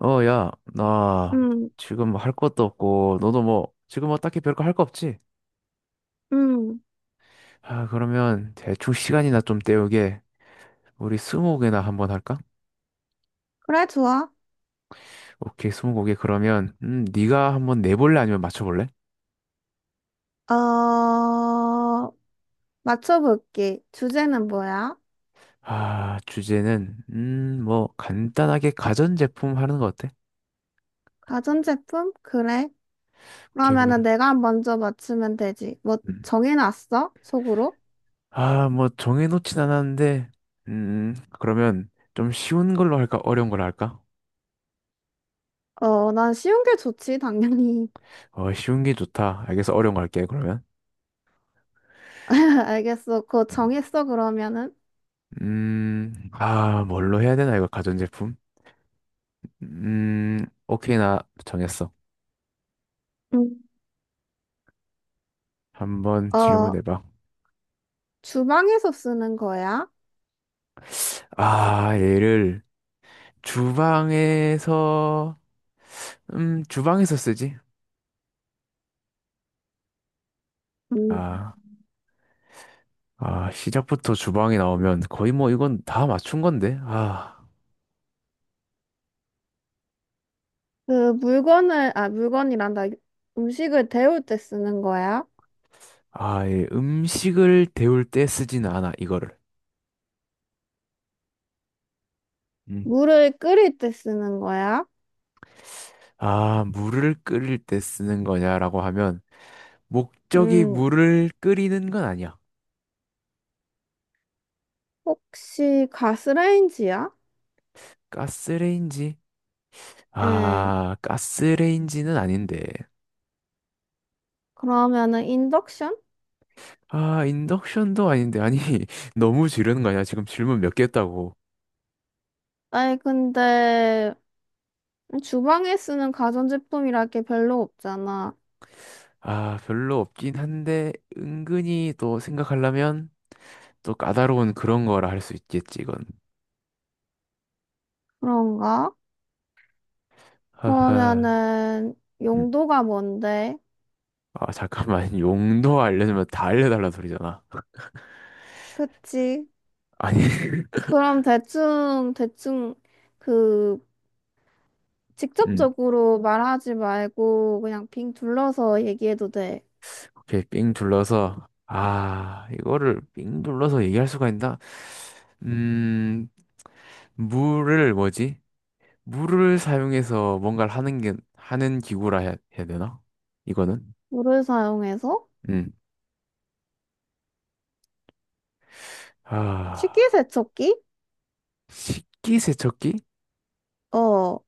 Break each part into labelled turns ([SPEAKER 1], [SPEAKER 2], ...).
[SPEAKER 1] 어, 야, 나
[SPEAKER 2] 음,
[SPEAKER 1] 지금 뭐 할 것도 없고, 너도 뭐, 지금 뭐 딱히 별거 할 거 없지?
[SPEAKER 2] 음.
[SPEAKER 1] 아, 그러면 대충 시간이나 좀 때우게, 우리 스무고개나 한번 할까?
[SPEAKER 2] 그래, 좋아.
[SPEAKER 1] 오케이, 스무고개 그러면, 네가 한번 내볼래? 아니면 맞춰볼래?
[SPEAKER 2] 어, 맞춰볼게. 주제는 뭐야?
[SPEAKER 1] 아, 주제는, 뭐, 간단하게 가전제품 하는 거 어때?
[SPEAKER 2] 가전제품? 그래.
[SPEAKER 1] 오케이,
[SPEAKER 2] 그러면은
[SPEAKER 1] 그래.
[SPEAKER 2] 내가 먼저 맞추면 되지. 뭐,
[SPEAKER 1] 음.
[SPEAKER 2] 정해놨어? 속으로?
[SPEAKER 1] 아, 뭐, 정해놓진 않았는데, 그러면 좀 쉬운 걸로 할까? 어려운 걸로 할까?
[SPEAKER 2] 어, 난 쉬운 게 좋지, 당연히.
[SPEAKER 1] 어, 쉬운 게 좋다. 알겠어, 어려운 거 할게, 그러면.
[SPEAKER 2] 알겠어. 그거 정했어, 그러면은?
[SPEAKER 1] 아, 뭘로 해야 되나, 이거, 가전제품? 오케이, 나 정했어.
[SPEAKER 2] 음.
[SPEAKER 1] 한번
[SPEAKER 2] 어,
[SPEAKER 1] 질문해봐.
[SPEAKER 2] 주방에서 쓰는 거야?
[SPEAKER 1] 아, 얘를 주방에서, 주방에서 쓰지?
[SPEAKER 2] 음.
[SPEAKER 1] 아, 아, 시작부터 주방이 나오면 거의 뭐 이건 다 맞춘 건데? 아,
[SPEAKER 2] 그 물건을, 아, 물건이란다. 음식을 데울 때 쓰는 거야?
[SPEAKER 1] 아, 예, 음식을 데울 때 쓰진 않아, 이거를. 음.
[SPEAKER 2] 물을 끓일 때 쓰는 거야?
[SPEAKER 1] 아, 물을 끓일 때 쓰는 거냐라고 하면, 목적이
[SPEAKER 2] 음.
[SPEAKER 1] 물을 끓이는 건 아니야.
[SPEAKER 2] 혹시 가스레인지야?
[SPEAKER 1] 가스레인지.
[SPEAKER 2] 응.
[SPEAKER 1] 아, 가스레인지는 아닌데.
[SPEAKER 2] 그러면은 인덕션?
[SPEAKER 1] 아, 인덕션도 아닌데. 아니, 너무 지르는 거 아니야? 지금 질문 몇 개 했다고.
[SPEAKER 2] 아니 근데 주방에 쓰는 가전제품이라 게 별로 없잖아.
[SPEAKER 1] 아, 별로 없긴 한데, 은근히 또 생각하려면 또 까다로운 그런 거라 할 수 있겠지, 이건.
[SPEAKER 2] 그런가?
[SPEAKER 1] 하하.
[SPEAKER 2] 그러면은
[SPEAKER 1] 음.
[SPEAKER 2] 용도가 뭔데?
[SPEAKER 1] 아, 잠깐만. 용도 알려주면 다 알려달라는 소리잖아.
[SPEAKER 2] 그치?
[SPEAKER 1] 아니,
[SPEAKER 2] 그럼 대충 그
[SPEAKER 1] 음.
[SPEAKER 2] 직접적으로 말하지 말고 그냥 빙 둘러서 얘기해도 돼.
[SPEAKER 1] 오케이, 삥 둘러서. 아, 이거를 삥 둘러서 얘기할 수가 있나? 음, 물을 뭐지? 물을 사용해서 뭔가를 하는 게, 하는 기구라 해야, 해야 되나? 이거는?
[SPEAKER 2] 물을 사용해서
[SPEAKER 1] 음. 아,
[SPEAKER 2] 식기세척기?
[SPEAKER 1] 식기세척기?
[SPEAKER 2] 어.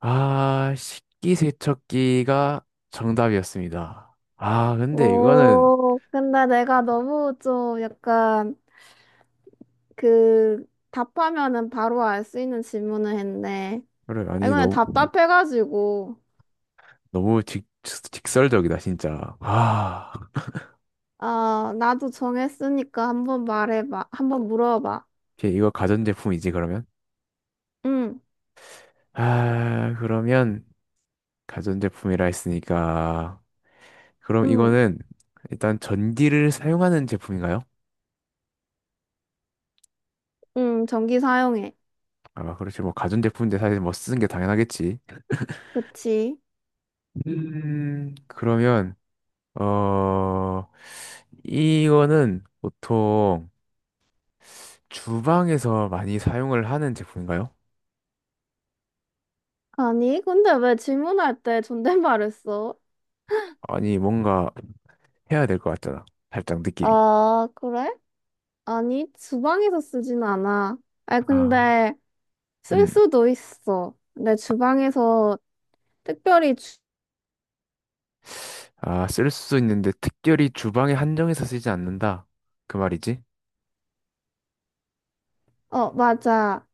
[SPEAKER 1] 아, 식기세척기가 정답이었습니다. 아, 근데 이거는,
[SPEAKER 2] 오, 근데 내가 너무 좀 약간 그 답하면은 바로 알 수 있는 질문을 했네.
[SPEAKER 1] 그래,
[SPEAKER 2] 아,
[SPEAKER 1] 아니,
[SPEAKER 2] 이거는
[SPEAKER 1] 너무,
[SPEAKER 2] 답답해가지고.
[SPEAKER 1] 너무 직, 직설적이다, 진짜. 아,
[SPEAKER 2] 아, 나도 정했으니까 한번 말해봐. 한번 물어봐.
[SPEAKER 1] 오케이, 이거 가전제품이지, 그러면?
[SPEAKER 2] 응,
[SPEAKER 1] 아, 그러면, 가전제품이라 했으니까. 그럼
[SPEAKER 2] 응,
[SPEAKER 1] 이거는, 일단 전기를 사용하는 제품인가요?
[SPEAKER 2] 응, 전기 사용해.
[SPEAKER 1] 아, 그렇지. 뭐, 가전제품인데 사실 뭐 쓰는 게 당연하겠지.
[SPEAKER 2] 그치?
[SPEAKER 1] 그러면, 어, 이거는 보통 주방에서 많이 사용을 하는 제품인가요?
[SPEAKER 2] 아니, 근데 왜 질문할 때 존댓말을 써?
[SPEAKER 1] 아니, 뭔가 해야 될 것 같잖아. 살짝 느낌이.
[SPEAKER 2] 아, 그래? 아니, 주방에서 쓰진 않아. 아,
[SPEAKER 1] 아,
[SPEAKER 2] 근데 쓸
[SPEAKER 1] 음.
[SPEAKER 2] 수도 있어. 내 주방에서 특별히
[SPEAKER 1] 아, 쓸 수 있는데 특별히 주방에 한정해서 쓰지 않는다. 그 말이지?
[SPEAKER 2] 어, 맞아.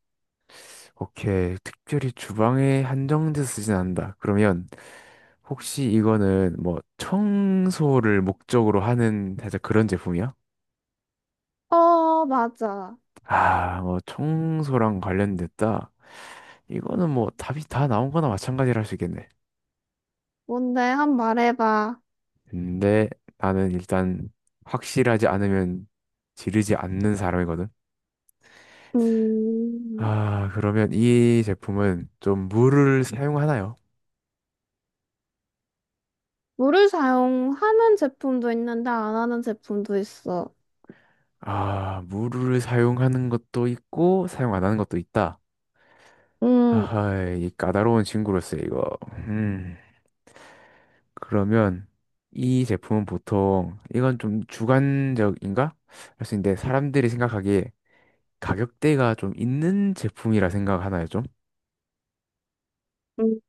[SPEAKER 1] 오케이. 특별히 주방에 한정돼서 쓰진 않는다. 그러면 혹시 이거는 뭐 청소를 목적으로 하는 살짝 그런 제품이야?
[SPEAKER 2] 어, 맞아.
[SPEAKER 1] 아, 뭐 청소랑 관련됐다. 이거는 뭐 답이 다 나온 거나 마찬가지라 할 수 있겠네.
[SPEAKER 2] 뭔데? 한 번 말해봐.
[SPEAKER 1] 근데 나는 일단 확실하지 않으면 지르지 않는 사람이거든.
[SPEAKER 2] 음,
[SPEAKER 1] 아, 그러면 이 제품은 좀 물을 사용하나요?
[SPEAKER 2] 물을 사용하는 제품도 있는데 안 하는 제품도 있어.
[SPEAKER 1] 아, 물을 사용하는 것도 있고 사용 안 하는 것도 있다.
[SPEAKER 2] 음,
[SPEAKER 1] 하하, 이 까다로운 친구로서 이거. 음, 그러면 이 제품은 보통 이건 좀 주관적인가? 할 수 있는데 사람들이 생각하기에 가격대가 좀 있는 제품이라 생각하나요, 좀?
[SPEAKER 2] 음.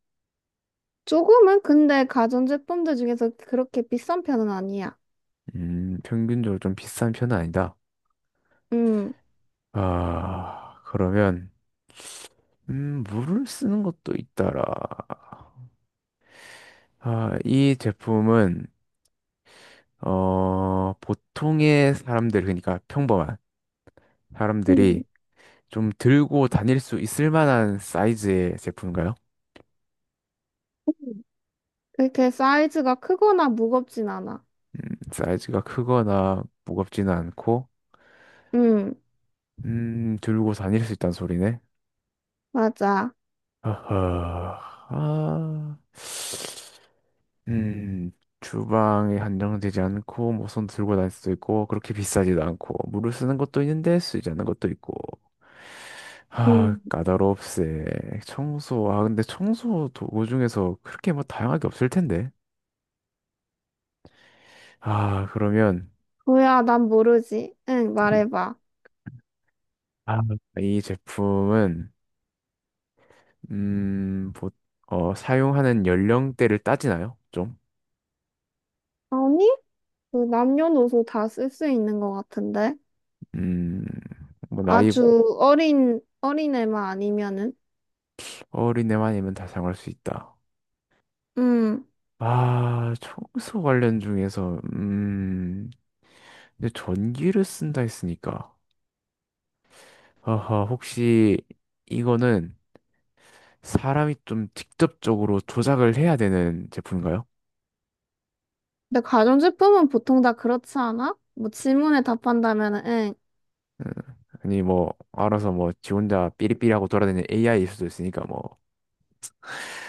[SPEAKER 2] 조금은 근데 가전제품들 중에서 그렇게 비싼 편은 아니야.
[SPEAKER 1] 평균적으로 좀 비싼 편은 아니다.
[SPEAKER 2] 음,
[SPEAKER 1] 아, 그러면 물을 쓰는 것도 있더라. 아, 이 제품은 어, 보통의 사람들 그러니까 평범한
[SPEAKER 2] 음.
[SPEAKER 1] 사람들이 좀 들고 다닐 수 있을 만한 사이즈의 제품인가요?
[SPEAKER 2] 음. 그렇게 사이즈가 크거나 무겁진 않아.
[SPEAKER 1] 음, 사이즈가 크거나 무겁지는 않고,
[SPEAKER 2] 음,
[SPEAKER 1] 들고 다닐 수 있다는 소리네.
[SPEAKER 2] 맞아.
[SPEAKER 1] 아하, 아, 음, 주방에 한정되지 않고, 뭐 손 들고 다닐 수도 있고, 그렇게 비싸지도 않고, 물을 쓰는 것도 있는데 쓰지 않는 것도 있고. 아,
[SPEAKER 2] 음,
[SPEAKER 1] 까다롭세. 청소, 아, 근데 청소 도구 중에서 그렇게 뭐 다양하게 없을 텐데. 아, 그러면,
[SPEAKER 2] 뭐야, 난 모르지. 응, 말해봐.
[SPEAKER 1] 아, 이 제품은 음, 보, 어, 사용하는 연령대를 따지나요? 좀?
[SPEAKER 2] 아니? 그 남녀노소 다 쓸 수 있는 것 같은데?
[SPEAKER 1] 음, 뭐 나이
[SPEAKER 2] 아주 어린, 어린 애만 아니면은?
[SPEAKER 1] 어린애만 이면 다 사용할 수 있다.
[SPEAKER 2] 음.
[SPEAKER 1] 아, 청소 관련 중에서 근데 전기를 쓴다 했으니까. 아하, 혹시 이거는 사람이 좀 직접적으로 조작을 해야 되는 제품인가요?
[SPEAKER 2] 근데 가전제품은 보통 다 그렇지 않아? 뭐 질문에 답한다면은, 응.
[SPEAKER 1] 음, 아니 뭐 알아서 뭐 지 혼자 삐리삐리하고 돌아다니는 AI일 수도 있으니까 뭐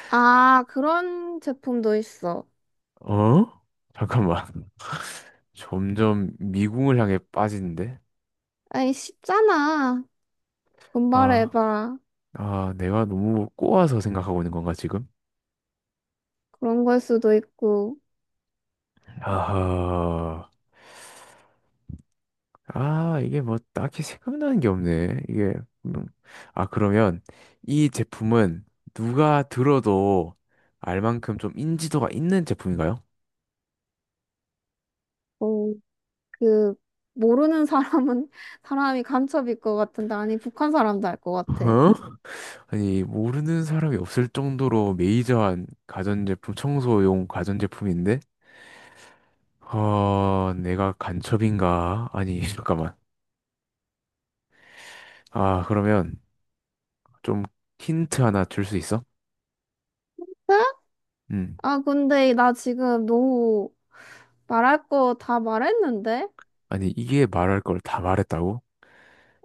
[SPEAKER 2] 아, 그런 제품도 있어.
[SPEAKER 1] 어? 잠깐만 점점 미궁을 향해 빠지는데?
[SPEAKER 2] 아이, 쉽잖아.
[SPEAKER 1] 아,
[SPEAKER 2] 분발해봐.
[SPEAKER 1] 아, 내가 너무 꼬아서 생각하고 있는 건가, 지금?
[SPEAKER 2] 그런 걸 수도 있고,
[SPEAKER 1] 아하. 아, 이게 뭐 딱히 생각나는 게 없네. 이게, 음. 아, 그러면 이 제품은 누가 들어도 알 만큼 좀 인지도가 있는 제품인가요?
[SPEAKER 2] 어, 그, 모르는 사람은, 사람이 간첩일 것 같은데, 아니, 북한 사람도 알 것 같아. 네?
[SPEAKER 1] 어? 아니, 모르는 사람이 없을 정도로 메이저한 가전제품, 청소용 가전제품인데? 어, 내가 간첩인가? 아니, 잠깐만. 아, 그러면 좀 힌트 하나 줄 수 있어? 음.
[SPEAKER 2] 아, 근데 나 지금 너무 말할 거 다 말했는데?
[SPEAKER 1] 아니, 이게 말할 걸 다 말했다고?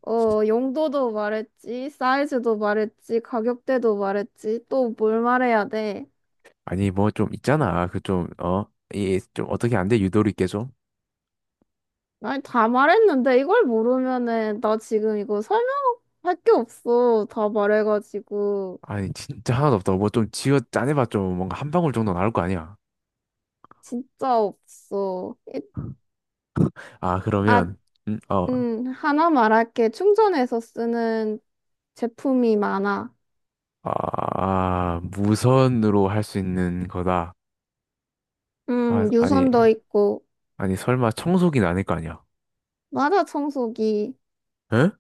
[SPEAKER 2] 어, 용도도 말했지, 사이즈도 말했지, 가격대도 말했지, 또 뭘 말해야 돼?
[SPEAKER 1] 아니, 뭐 좀 있잖아. 그 좀, 어? 이 좀 어떻게 안 돼? 유도리 있게 좀?
[SPEAKER 2] 아니, 다 말했는데 이걸 모르면은 나 지금 이거 설명할 게 없어. 다 말해가지고
[SPEAKER 1] 아니, 진짜 하나도 없다고. 뭐 좀 지어 짜내봐 좀 뭔가 한 방울 정도 나올 거 아니야.
[SPEAKER 2] 진짜 없어. 이-
[SPEAKER 1] 아,
[SPEAKER 2] 아,
[SPEAKER 1] 그러면, 어,
[SPEAKER 2] 하나 말할게. 충전해서 쓰는 제품이 많아.
[SPEAKER 1] 아, 무선으로 할 수 있는 거다. 아, 아니,
[SPEAKER 2] 유선도 있고,
[SPEAKER 1] 아니, 설마 청소기는 아닐 거 아니야?
[SPEAKER 2] 맞아, 청소기.
[SPEAKER 1] 에?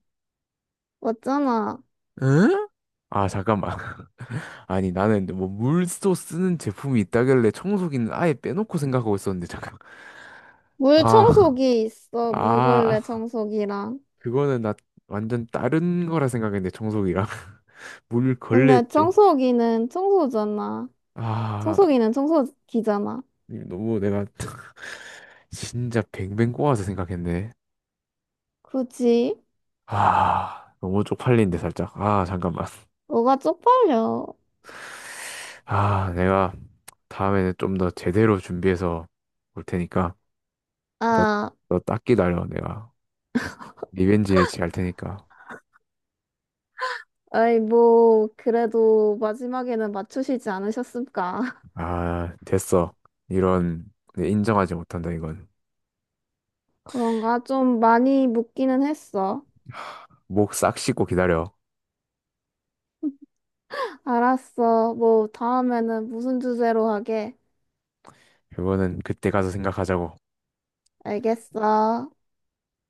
[SPEAKER 2] 맞잖아.
[SPEAKER 1] 응? 아, 잠깐만. 아니, 나는 뭐 물도 쓰는 제품이 있다길래 청소기는 아예 빼놓고 생각하고 있었는데, 잠깐.
[SPEAKER 2] 물
[SPEAKER 1] 아,
[SPEAKER 2] 청소기 있어, 물걸레
[SPEAKER 1] 아,
[SPEAKER 2] 청소기랑.
[SPEAKER 1] 그거는 나 완전 다른 거라 생각했는데, 청소기랑. 물 걸레
[SPEAKER 2] 근데
[SPEAKER 1] 죠
[SPEAKER 2] 청소기는 청소잖아.
[SPEAKER 1] 아,
[SPEAKER 2] 청소기는 청소기잖아.
[SPEAKER 1] 너무 내가 진짜 뱅뱅 꼬아서 생각했네.
[SPEAKER 2] 굳이
[SPEAKER 1] 아, 너무 쪽팔리는데, 살짝. 아, 잠깐만.
[SPEAKER 2] 뭐가 쪽팔려.
[SPEAKER 1] 아, 내가 다음에는 좀 더 제대로 준비해서 올 테니까, 너,
[SPEAKER 2] 아,
[SPEAKER 1] 너 딱 기다려, 내가. 리벤지 매치 갈 테니까.
[SPEAKER 2] 아이 뭐 그래도 마지막에는 맞추시지 않으셨습니까?
[SPEAKER 1] 아, 됐어. 이런, 네, 인정하지 못한다, 이건.
[SPEAKER 2] 그런가 좀 많이 묻기는 했어.
[SPEAKER 1] 목 싹 씻고 기다려.
[SPEAKER 2] 알았어. 뭐 다음에는 무슨 주제로 하게?
[SPEAKER 1] 이거는 그때 가서 생각하자고.
[SPEAKER 2] 알겠어.